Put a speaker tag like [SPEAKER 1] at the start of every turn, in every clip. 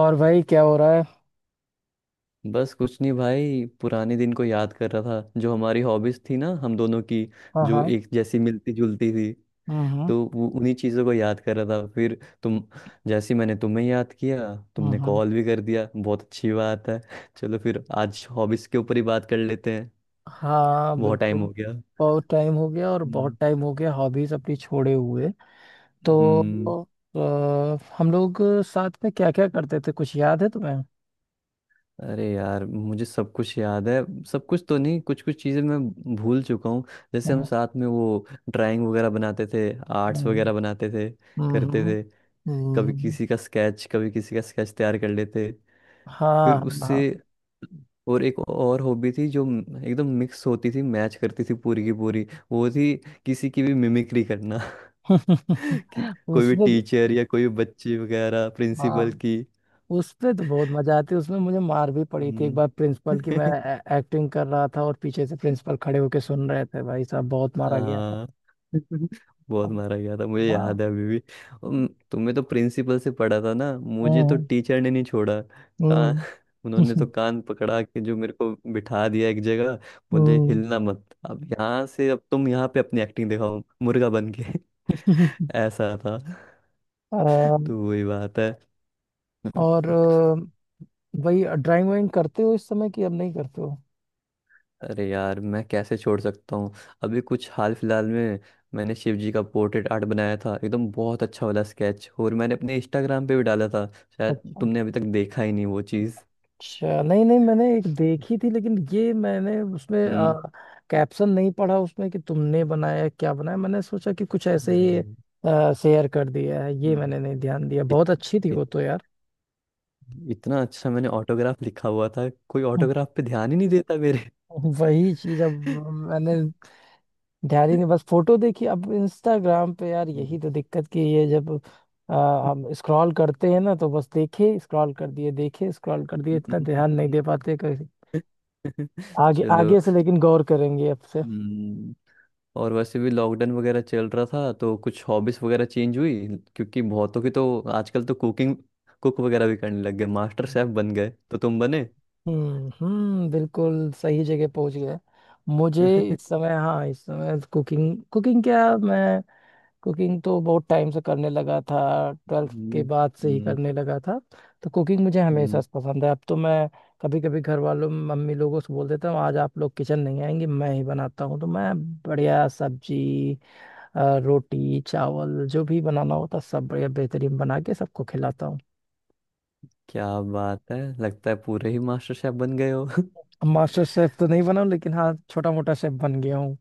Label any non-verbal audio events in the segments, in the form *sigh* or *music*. [SPEAKER 1] और भाई क्या हो रहा है?
[SPEAKER 2] बस कुछ नहीं भाई, पुराने दिन को याद कर रहा था जो हमारी हॉबीज थी ना, हम दोनों की।
[SPEAKER 1] हाँ,
[SPEAKER 2] जो
[SPEAKER 1] हाँ।
[SPEAKER 2] एक जैसी मिलती जुलती थी
[SPEAKER 1] हम्म, हम्म,
[SPEAKER 2] तो वो उन्हीं चीज़ों को याद कर रहा था। फिर तुम, जैसे ही मैंने तुम्हें याद किया
[SPEAKER 1] हम्म,
[SPEAKER 2] तुमने कॉल भी कर दिया। बहुत अच्छी बात है। चलो फिर आज हॉबीज के ऊपर ही बात कर लेते हैं।
[SPEAKER 1] हाँ,
[SPEAKER 2] बहुत टाइम
[SPEAKER 1] बिल्कुल।
[SPEAKER 2] हो गया।
[SPEAKER 1] बहुत टाइम हो गया, और बहुत
[SPEAKER 2] हम्म।
[SPEAKER 1] टाइम हो गया हॉबीज अपनी छोड़े हुए।
[SPEAKER 2] हम्म।
[SPEAKER 1] तो हम लोग साथ में क्या क्या करते थे, कुछ याद है तुम्हें?
[SPEAKER 2] अरे यार, मुझे सब कुछ याद है। सब कुछ तो नहीं, कुछ कुछ चीज़ें मैं भूल चुका हूँ। जैसे हम
[SPEAKER 1] हम्म,
[SPEAKER 2] साथ में वो ड्राइंग वगैरह बनाते थे, आर्ट्स
[SPEAKER 1] हम्म,
[SPEAKER 2] वगैरह बनाते थे, करते
[SPEAKER 1] हम्म,
[SPEAKER 2] थे। कभी
[SPEAKER 1] हम्म।
[SPEAKER 2] किसी का स्केच, कभी किसी का स्केच तैयार कर लेते, फिर
[SPEAKER 1] हाँ,
[SPEAKER 2] उससे।
[SPEAKER 1] हाँ।
[SPEAKER 2] और एक और हॉबी थी जो एकदम मिक्स होती थी, मैच करती थी पूरी की पूरी। वो थी किसी की भी मिमिक्री करना। *laughs* कि
[SPEAKER 1] *laughs*
[SPEAKER 2] कोई भी
[SPEAKER 1] उसमें।
[SPEAKER 2] टीचर या कोई भी बच्चे वगैरह,
[SPEAKER 1] हाँ।
[SPEAKER 2] प्रिंसिपल की।
[SPEAKER 1] उसमें तो बहुत मजा आती है। उसमें मुझे मार भी पड़ी थी एक
[SPEAKER 2] हम्म।
[SPEAKER 1] बार, प्रिंसिपल की। मैं
[SPEAKER 2] *laughs*
[SPEAKER 1] एक्टिंग कर रहा था और पीछे से प्रिंसिपल खड़े होके सुन रहे थे, भाई साहब बहुत मारा गया था।
[SPEAKER 2] हाँ। *laughs* बहुत मारा गया था, मुझे
[SPEAKER 1] हाँ।
[SPEAKER 2] याद है अभी भी। तुमने तो प्रिंसिपल से पढ़ा था ना, मुझे तो
[SPEAKER 1] हम्म,
[SPEAKER 2] टीचर ने नहीं छोड़ा, कान
[SPEAKER 1] हम्म,
[SPEAKER 2] *laughs* उन्होंने तो कान पकड़ा के जो मेरे को बिठा दिया एक जगह। बोले
[SPEAKER 1] हम्म।
[SPEAKER 2] हिलना मत अब यहाँ से, अब तुम यहाँ पे अपनी एक्टिंग दिखाओ मुर्गा बन के।
[SPEAKER 1] *laughs*
[SPEAKER 2] *laughs* ऐसा था।
[SPEAKER 1] अम,
[SPEAKER 2] तो वही बात है।
[SPEAKER 1] और वही ड्राइंग वाइंग करते हो इस समय कि अब नहीं करते हो?
[SPEAKER 2] अरे यार, मैं कैसे छोड़ सकता हूँ। अभी कुछ हाल फिलहाल में मैंने शिव जी का पोर्ट्रेट आर्ट बनाया था, एकदम बहुत अच्छा वाला स्केच, और मैंने अपने इंस्टाग्राम पे भी डाला था। शायद
[SPEAKER 1] अच्छा।
[SPEAKER 2] तुमने अभी तक देखा ही नहीं वो चीज़।
[SPEAKER 1] अच्छा, नहीं नहीं, मैंने एक देखी थी लेकिन ये मैंने उसमें
[SPEAKER 2] हम्म।
[SPEAKER 1] कैप्शन नहीं पढ़ा उसमें कि तुमने बनाया क्या बनाया। मैंने सोचा कि कुछ ऐसे
[SPEAKER 2] अरे।
[SPEAKER 1] ही शेयर कर दिया है, ये
[SPEAKER 2] हम्म।
[SPEAKER 1] मैंने नहीं ध्यान दिया।
[SPEAKER 2] इत,
[SPEAKER 1] बहुत अच्छी थी
[SPEAKER 2] इत,
[SPEAKER 1] वो तो यार।
[SPEAKER 2] इतना अच्छा मैंने ऑटोग्राफ लिखा हुआ था, कोई
[SPEAKER 1] हम्म।
[SPEAKER 2] ऑटोग्राफ पे ध्यान ही नहीं देता मेरे।
[SPEAKER 1] वही चीज। अब मैंने ध्यान ही नहीं, बस फोटो देखी अब इंस्टाग्राम पे। यार
[SPEAKER 2] हम्म।
[SPEAKER 1] यही तो दिक्कत की है जब हम स्क्रॉल करते हैं ना, तो बस देखे स्क्रॉल कर दिए, देखे स्क्रॉल कर दिए, इतना ध्यान नहीं
[SPEAKER 2] *laughs*
[SPEAKER 1] दे पाते कभी आगे
[SPEAKER 2] चलो।
[SPEAKER 1] आगे से, लेकिन गौर करेंगे अब से।
[SPEAKER 2] हम्म। और वैसे भी लॉकडाउन वगैरह चल रहा था तो कुछ हॉबीज वगैरह चेंज हुई, क्योंकि बहुतों की तो आजकल तो कुकिंग, कुक वगैरह भी करने लग गए, मास्टर शेफ बन गए। तो तुम बने।
[SPEAKER 1] हम्म, हम्म, बिल्कुल सही जगह पहुंच गए मुझे। इस
[SPEAKER 2] *laughs*
[SPEAKER 1] समय, हाँ, इस समय कुकिंग, कुकिंग क्या, मैं कुकिंग तो बहुत टाइम से करने लगा था, 12th के
[SPEAKER 2] हम्म।
[SPEAKER 1] बाद से ही
[SPEAKER 2] हम्म।
[SPEAKER 1] करने लगा था। तो कुकिंग मुझे हमेशा
[SPEAKER 2] हम्म।
[SPEAKER 1] से पसंद है। अब तो मैं कभी कभी घर वालों, मम्मी लोगों से बोल देता हूँ आज आप लोग किचन नहीं आएंगे, मैं ही बनाता हूँ। तो मैं बढ़िया सब्जी, रोटी चावल, जो भी बनाना होता सब बढ़िया बेहतरीन बना के सबको खिलाता हूँ।
[SPEAKER 2] क्या बात है, लगता है पूरे ही मास्टर शेफ बन गए हो।
[SPEAKER 1] अब मास्टर शेफ तो नहीं बना हूँ, लेकिन हाँ छोटा मोटा शेफ बन गया हूँ।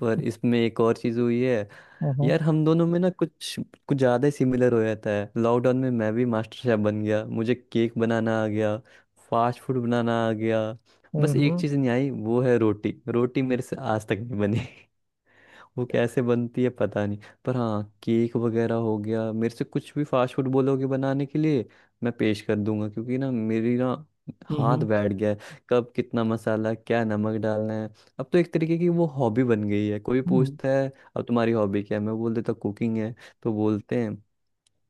[SPEAKER 2] पर इसमें एक और चीज हुई है।
[SPEAKER 1] हम्म,
[SPEAKER 2] यार हम दोनों में ना कुछ कुछ ज्यादा ही सिमिलर हो जाता है। लॉकडाउन में मैं भी मास्टर शेफ बन गया, मुझे केक बनाना आ गया, फास्ट फूड बनाना आ गया।
[SPEAKER 1] हम्म,
[SPEAKER 2] बस एक
[SPEAKER 1] हम्म,
[SPEAKER 2] चीज नहीं आई, वो है रोटी। रोटी मेरे से आज तक नहीं बनी, वो कैसे बनती है पता नहीं। पर हाँ, केक वगैरह हो गया। मेरे से कुछ भी फास्ट फूड बोलोगे बनाने के लिए, मैं पेश कर दूंगा। क्योंकि ना मेरी ना, हाथ
[SPEAKER 1] हम्म,
[SPEAKER 2] बैठ गया है कब कितना मसाला क्या नमक डालना है। अब तो एक तरीके की वो हॉबी बन गई है। कोई
[SPEAKER 1] हम्म,
[SPEAKER 2] पूछता है अब तुम्हारी हॉबी क्या है, मैं बोल देता कुकिंग है। तो बोलते हैं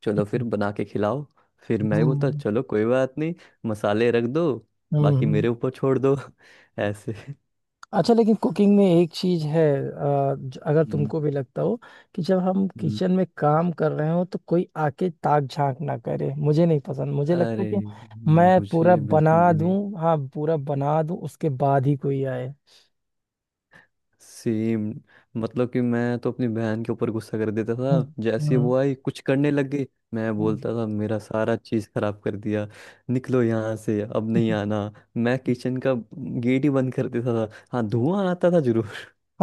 [SPEAKER 2] चलो फिर बना के खिलाओ। फिर मैं ही बोलता
[SPEAKER 1] हम्म,
[SPEAKER 2] चलो कोई बात नहीं, मसाले रख दो,
[SPEAKER 1] हम्म,
[SPEAKER 2] बाकी
[SPEAKER 1] हम्म।
[SPEAKER 2] मेरे ऊपर छोड़ दो। *laughs* ऐसे।
[SPEAKER 1] अच्छा, लेकिन कुकिंग में एक चीज है। अगर
[SPEAKER 2] हम्म।
[SPEAKER 1] तुमको भी लगता हो कि जब हम
[SPEAKER 2] हम्म।
[SPEAKER 1] किचन में काम कर रहे हो तो कोई आके ताक झांक ना करे, मुझे नहीं पसंद। मुझे लगता है
[SPEAKER 2] अरे,
[SPEAKER 1] कि मैं पूरा
[SPEAKER 2] मुझे
[SPEAKER 1] बना
[SPEAKER 2] बिल्कुल भी नहीं।
[SPEAKER 1] दूं, हाँ पूरा बना दूं, उसके बाद ही कोई आए।
[SPEAKER 2] सेम। मतलब कि मैं तो अपनी बहन के ऊपर गुस्सा कर देता था,
[SPEAKER 1] हम्म,
[SPEAKER 2] जैसे ही
[SPEAKER 1] हम्म,
[SPEAKER 2] वो आई कुछ करने लग गई। मैं
[SPEAKER 1] हम्म।
[SPEAKER 2] बोलता था मेरा सारा चीज खराब कर दिया, निकलो यहाँ से, अब नहीं आना।
[SPEAKER 1] *laughs*
[SPEAKER 2] मैं किचन का गेट ही बंद कर देता था। हाँ, धुआं आता था जरूर।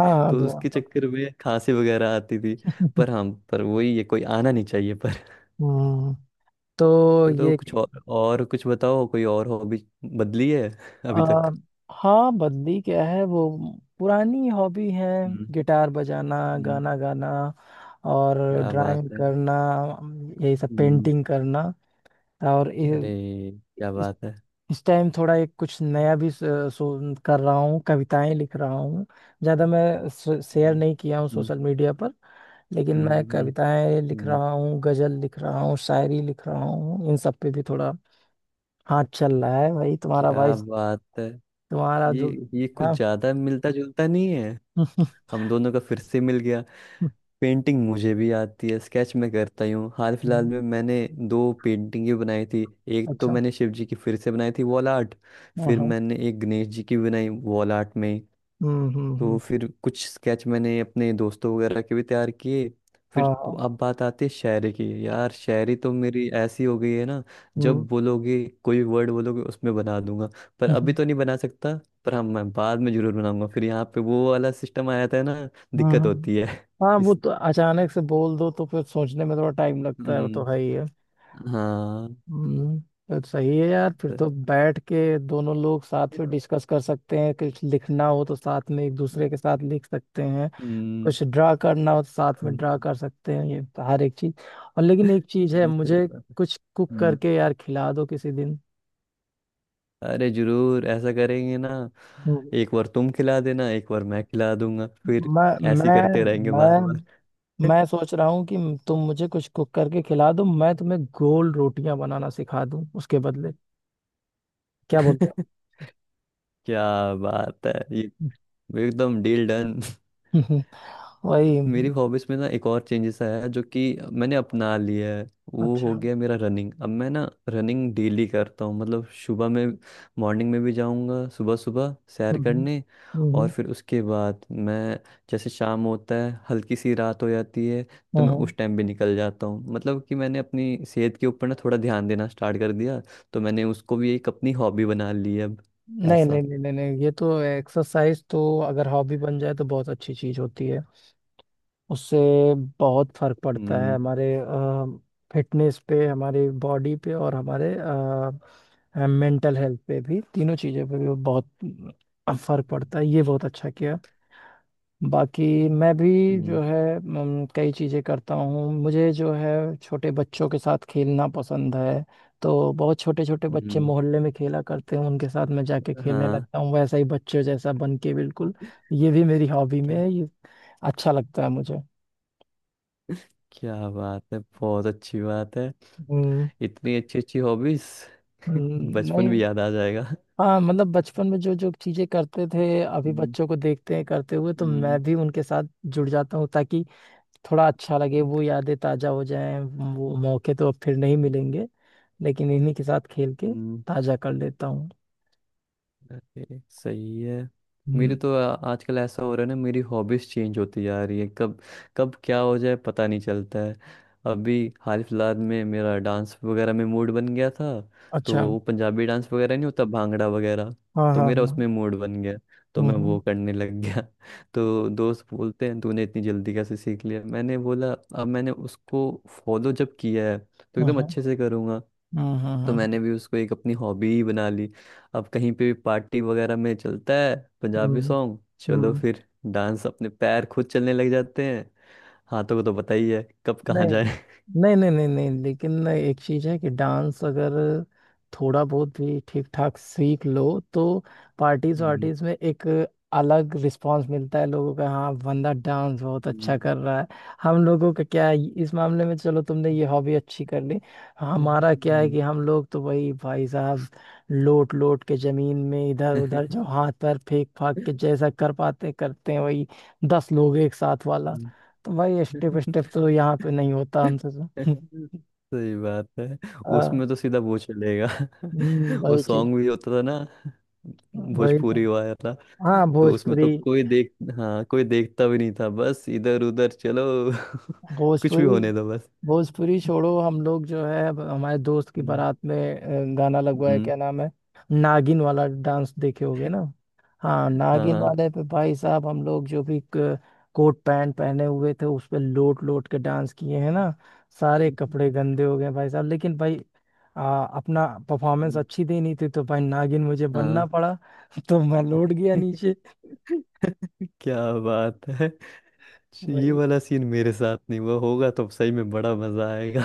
[SPEAKER 1] हाँ, हाँ,
[SPEAKER 2] तो
[SPEAKER 1] दुआ।
[SPEAKER 2] उसके चक्कर में खांसी वगैरह आती थी। पर हाँ,
[SPEAKER 1] *laughs*
[SPEAKER 2] पर वही है, कोई आना नहीं चाहिए पर।
[SPEAKER 1] हम्म।
[SPEAKER 2] *laughs*
[SPEAKER 1] तो
[SPEAKER 2] चलो
[SPEAKER 1] ये
[SPEAKER 2] कुछ और कुछ बताओ। कोई और हॉबी बदली है अभी
[SPEAKER 1] आ,
[SPEAKER 2] तक?
[SPEAKER 1] हाँ, बदली क्या है वो, पुरानी हॉबी है।
[SPEAKER 2] हम्म।
[SPEAKER 1] गिटार बजाना,
[SPEAKER 2] हम्म।
[SPEAKER 1] गाना गाना, और
[SPEAKER 2] क्या बात
[SPEAKER 1] ड्राइंग
[SPEAKER 2] है।
[SPEAKER 1] करना, यही सब
[SPEAKER 2] हम्म।
[SPEAKER 1] पेंटिंग करना। और
[SPEAKER 2] अरे। क्या
[SPEAKER 1] इस
[SPEAKER 2] बात है।
[SPEAKER 1] इस टाइम थोड़ा एक कुछ नया भी कर रहा हूँ, कविताएं लिख रहा हूँ। ज़्यादा मैं शेयर
[SPEAKER 2] हम्म।
[SPEAKER 1] नहीं किया हूँ
[SPEAKER 2] हम्म।
[SPEAKER 1] सोशल मीडिया पर, लेकिन
[SPEAKER 2] हम्म।
[SPEAKER 1] मैं
[SPEAKER 2] हम्म।
[SPEAKER 1] कविताएं लिख
[SPEAKER 2] हम्म।
[SPEAKER 1] रहा हूँ, गजल लिख रहा हूँ, शायरी लिख रहा हूँ, इन सब पे भी थोड़ा हाथ चल रहा है भाई। तुम्हारा भाई,
[SPEAKER 2] क्या बात है।
[SPEAKER 1] तुम्हारा
[SPEAKER 2] ये
[SPEAKER 1] जो,
[SPEAKER 2] ये कुछ
[SPEAKER 1] हाँ।
[SPEAKER 2] ज्यादा मिलता जुलता नहीं है,
[SPEAKER 1] *laughs*
[SPEAKER 2] हम दोनों का फिर से मिल गया। पेंटिंग मुझे भी आती है, स्केच मैं करता ही हूँ। हाल फिलहाल
[SPEAKER 1] हम्म,
[SPEAKER 2] में मैंने दो पेंटिंग ही बनाई थी। एक तो
[SPEAKER 1] अच्छा,
[SPEAKER 2] मैंने शिव जी की फिर से बनाई थी वॉल आर्ट।
[SPEAKER 1] हाँ,
[SPEAKER 2] फिर
[SPEAKER 1] हाँ।
[SPEAKER 2] मैंने एक गणेश जी की बनाई वॉल आर्ट में।
[SPEAKER 1] हम्म, हम्म,
[SPEAKER 2] तो फिर कुछ स्केच मैंने अपने दोस्तों वगैरह के भी तैयार किए फिर।
[SPEAKER 1] हाँ, हाँ।
[SPEAKER 2] अब बात आती है शायरी की। यार, शायरी तो मेरी ऐसी हो गई है ना,
[SPEAKER 1] हम्म।
[SPEAKER 2] जब बोलोगे, कोई वर्ड बोलोगे उसमें बना दूंगा।
[SPEAKER 1] *laughs*
[SPEAKER 2] पर अभी
[SPEAKER 1] हम्म,
[SPEAKER 2] तो नहीं बना सकता। पर हाँ, मैं बाद में जरूर बनाऊंगा। फिर यहाँ पे वो वाला सिस्टम आया था ना,
[SPEAKER 1] हम्म,
[SPEAKER 2] दिक्कत होती है।
[SPEAKER 1] हाँ, हाँ,
[SPEAKER 2] *laughs*
[SPEAKER 1] वो
[SPEAKER 2] इस।
[SPEAKER 1] तो अचानक से बोल दो तो फिर सोचने में थोड़ा टाइम लगता है, वो तो
[SPEAKER 2] हम्म।
[SPEAKER 1] है ही है।
[SPEAKER 2] हाँ।
[SPEAKER 1] हम्म। तो सही है यार, फिर तो बैठ के दोनों लोग साथ में
[SPEAKER 2] *laughs*
[SPEAKER 1] डिस्कस कर सकते हैं, कुछ लिखना हो तो साथ में एक दूसरे के साथ लिख सकते हैं,
[SPEAKER 2] हम्म।
[SPEAKER 1] कुछ ड्रा करना हो तो साथ में ड्रा
[SPEAKER 2] हम्म।
[SPEAKER 1] कर सकते हैं, ये तो हर एक चीज। और लेकिन एक चीज है,
[SPEAKER 2] हाँ, सही
[SPEAKER 1] मुझे
[SPEAKER 2] बात
[SPEAKER 1] कुछ कुक
[SPEAKER 2] है।
[SPEAKER 1] करके यार खिला दो किसी दिन।
[SPEAKER 2] अरे जरूर ऐसा करेंगे ना।
[SPEAKER 1] हम्म।
[SPEAKER 2] एक बार तुम खिला देना, एक बार मैं खिला दूंगा, फिर
[SPEAKER 1] मैं
[SPEAKER 2] ऐसे ही
[SPEAKER 1] मैं
[SPEAKER 2] करते रहेंगे बार बार।
[SPEAKER 1] मैं मैं सोच रहा हूँ कि तुम मुझे कुछ कुक करके खिला दो, मैं तुम्हें गोल रोटियां बनाना सिखा दूँ उसके बदले, क्या बोलते हो?
[SPEAKER 2] *laughs* क्या बात है ये, एकदम डील डन।
[SPEAKER 1] *laughs* वही,
[SPEAKER 2] मेरी
[SPEAKER 1] हम्म।
[SPEAKER 2] हॉबीज में ना एक और चेंजेस आया है, जो कि मैंने अपना लिया है। वो
[SPEAKER 1] अच्छा,
[SPEAKER 2] हो
[SPEAKER 1] हम्म,
[SPEAKER 2] गया मेरा रनिंग। अब मैं ना रनिंग डेली करता हूँ, मतलब सुबह में मॉर्निंग में भी जाऊँगा सुबह सुबह सैर
[SPEAKER 1] हम्म, हम्म,
[SPEAKER 2] करने। और फिर उसके बाद मैं, जैसे शाम होता है हल्की सी रात हो जाती है, तो
[SPEAKER 1] हम्म,
[SPEAKER 2] मैं
[SPEAKER 1] हम्म।
[SPEAKER 2] उस टाइम भी निकल जाता हूँ। मतलब कि मैंने अपनी सेहत के ऊपर ना थोड़ा ध्यान देना स्टार्ट कर दिया, तो मैंने उसको भी एक अपनी हॉबी बना ली है अब
[SPEAKER 1] नहीं नहीं
[SPEAKER 2] ऐसा।
[SPEAKER 1] नहीं नहीं नहीं, ये तो एक्सरसाइज तो अगर हॉबी बन जाए तो बहुत अच्छी चीज होती है। उससे बहुत फर्क पड़ता है
[SPEAKER 2] हम्म।
[SPEAKER 1] हमारे फिटनेस पे, हमारे बॉडी पे, और हमारे मेंटल हेल्थ पे भी, तीनों चीज़ों पे भी बहुत फर्क
[SPEAKER 2] हम्म।
[SPEAKER 1] पड़ता है। ये बहुत अच्छा किया। बाकी मैं भी
[SPEAKER 2] हम्म।
[SPEAKER 1] जो है कई चीज़ें करता हूँ। मुझे जो है छोटे बच्चों के साथ खेलना पसंद है। तो बहुत छोटे छोटे बच्चे मोहल्ले में खेला करते हैं, उनके साथ मैं जाके
[SPEAKER 2] हम्म।
[SPEAKER 1] खेलने
[SPEAKER 2] हाँ,
[SPEAKER 1] लगता हूँ, वैसा ही बच्चे जैसा बन के बिल्कुल। ये भी मेरी हॉबी में है, ये अच्छा लगता है मुझे।
[SPEAKER 2] क्या बात है, बहुत अच्छी बात है।
[SPEAKER 1] हम्म,
[SPEAKER 2] इतनी अच्छी अच्छी हॉबीज। *laughs* बचपन
[SPEAKER 1] नहीं।
[SPEAKER 2] भी याद आ जाएगा।
[SPEAKER 1] हाँ मतलब बचपन में जो जो चीजें करते थे अभी
[SPEAKER 2] हम्म।
[SPEAKER 1] बच्चों को देखते हैं करते हुए, तो मैं भी उनके साथ जुड़ जाता हूँ ताकि थोड़ा अच्छा लगे, वो यादें ताजा हो जाएं। वो मौके तो अब फिर नहीं मिलेंगे, लेकिन इन्हीं के साथ खेल के
[SPEAKER 2] हम्म।
[SPEAKER 1] ताजा कर लेता हूँ।
[SPEAKER 2] अरे सही है। मेरी
[SPEAKER 1] हम्म।
[SPEAKER 2] तो आजकल ऐसा हो रहा है ना, मेरी हॉबीज चेंज होती जा रही है, कब कब क्या हो जाए पता नहीं चलता है। अभी हाल फिलहाल में मेरा डांस वगैरह में मूड बन गया था। तो
[SPEAKER 1] अच्छा।
[SPEAKER 2] वो पंजाबी डांस वगैरह नहीं होता भांगड़ा वगैरह,
[SPEAKER 1] हाँ,
[SPEAKER 2] तो
[SPEAKER 1] हाँ,
[SPEAKER 2] मेरा
[SPEAKER 1] हाँ।
[SPEAKER 2] उसमें मूड बन गया, तो
[SPEAKER 1] हम्म,
[SPEAKER 2] मैं वो
[SPEAKER 1] हम्म,
[SPEAKER 2] करने लग गया। *laughs* तो दोस्त बोलते हैं तूने इतनी जल्दी कैसे सीख लिया, मैंने बोला अब मैंने उसको फॉलो जब किया है तो एकदम
[SPEAKER 1] हम्म,
[SPEAKER 2] अच्छे से करूँगा।
[SPEAKER 1] हम्म, हम्म,
[SPEAKER 2] तो मैंने
[SPEAKER 1] हम्म,
[SPEAKER 2] भी उसको एक अपनी हॉबी ही बना ली। अब कहीं पे भी पार्टी वगैरह में चलता है पंजाबी सॉन्ग, चलो
[SPEAKER 1] हम्म।
[SPEAKER 2] फिर डांस, अपने पैर खुद चलने लग जाते हैं। हाथों को तो पता ही है कब कहाँ
[SPEAKER 1] नहीं
[SPEAKER 2] जाए।
[SPEAKER 1] नहीं नहीं नहीं नहीं, लेकिन एक चीज है कि डांस अगर थोड़ा बहुत भी ठीक ठाक सीख लो तो पार्टीज
[SPEAKER 2] हम्म।
[SPEAKER 1] वार्टीज में एक अलग रिस्पांस मिलता है लोगों का, हाँ बंदा डांस बहुत अच्छा
[SPEAKER 2] हम्म।
[SPEAKER 1] कर रहा है। हम लोगों का क्या है, इस मामले में चलो तुमने ये हॉबी अच्छी कर ली।
[SPEAKER 2] हम्म।
[SPEAKER 1] हमारा क्या है
[SPEAKER 2] हम्म।
[SPEAKER 1] कि हम लोग तो वही भाई साहब, लोट लोट के जमीन में इधर
[SPEAKER 2] हम्म।
[SPEAKER 1] उधर जो हाथ पैर फेंक फाक के जैसा कर पाते करते हैं, वही दस लोग एक साथ वाला। तो भाई स्टेप
[SPEAKER 2] हम्म। *laughs*
[SPEAKER 1] स्टेप तो यहाँ पे नहीं होता हमसे
[SPEAKER 2] *laughs*
[SPEAKER 1] तो।
[SPEAKER 2] सही बात है।
[SPEAKER 1] *laughs* आ,
[SPEAKER 2] उसमें तो सीधा वो चलेगा। *laughs* वो
[SPEAKER 1] वही चीज।
[SPEAKER 2] सॉन्ग भी होता था ना,
[SPEAKER 1] वही तो।
[SPEAKER 2] भोजपुरी वाला।
[SPEAKER 1] हाँ,
[SPEAKER 2] तो उसमें तो
[SPEAKER 1] भोजपुरी।
[SPEAKER 2] कोई देख हाँ, कोई देखता भी नहीं था, बस इधर उधर चलो। *laughs* कुछ भी
[SPEAKER 1] भोजपुरी।
[SPEAKER 2] होने दो बस।
[SPEAKER 1] भोजपुरी छोड़ो, हम लोग जो है अब हमारे दोस्त की
[SPEAKER 2] हम्म।
[SPEAKER 1] बारात में गाना लगवाया,
[SPEAKER 2] हम्म।
[SPEAKER 1] क्या नाम है, नागिन वाला डांस देखे होगे ना। हाँ,
[SPEAKER 2] हाँ,
[SPEAKER 1] नागिन
[SPEAKER 2] हाँ।
[SPEAKER 1] वाले पे भाई साहब, हम लोग जो भी कोट पैंट पहने हुए थे उस पे लोट लोट के डांस किए हैं ना, सारे
[SPEAKER 2] हम्म।
[SPEAKER 1] कपड़े गंदे हो गए भाई साहब, लेकिन भाई अपना परफॉर्मेंस अच्छी देनी थी तो भाई नागिन मुझे बनना
[SPEAKER 2] हाँ।
[SPEAKER 1] पड़ा। *laughs* तो मैं लौट गया
[SPEAKER 2] *laughs*
[SPEAKER 1] नीचे।
[SPEAKER 2] क्या बात है, ये वाला सीन मेरे साथ नहीं हुआ होगा तो सही में बड़ा मजा आएगा।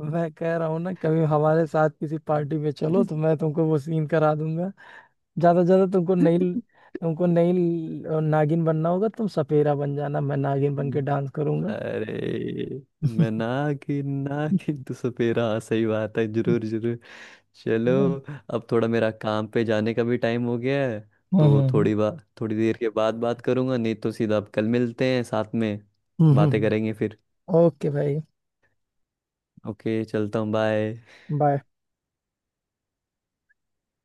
[SPEAKER 1] मैं कह रहा हूँ ना कभी हमारे साथ किसी पार्टी में चलो तो
[SPEAKER 2] *laughs*
[SPEAKER 1] मैं तुमको वो सीन करा दूंगा। ज्यादा से ज्यादा तुमको नई नागिन बनना होगा, तुम सपेरा बन जाना, मैं नागिन बन के
[SPEAKER 2] हम्म।
[SPEAKER 1] डांस करूंगा।
[SPEAKER 2] अरे, मैं नागिन नागिन
[SPEAKER 1] *laughs*
[SPEAKER 2] तू सपेरा, हाँ सही बात है, जरूर जरूर। चलो,
[SPEAKER 1] हाँ,
[SPEAKER 2] अब थोड़ा मेरा काम पे जाने का भी टाइम हो गया है,
[SPEAKER 1] हाँ,
[SPEAKER 2] तो
[SPEAKER 1] हाँ।
[SPEAKER 2] थोड़ी बात थोड़ी देर के बाद बात करूंगा, नहीं तो सीधा अब कल मिलते हैं साथ में
[SPEAKER 1] हम्म,
[SPEAKER 2] बातें
[SPEAKER 1] हम्म।
[SPEAKER 2] करेंगे फिर।
[SPEAKER 1] *laughs* ओके भाई।
[SPEAKER 2] ओके चलता हूँ। बाय।
[SPEAKER 1] बाय।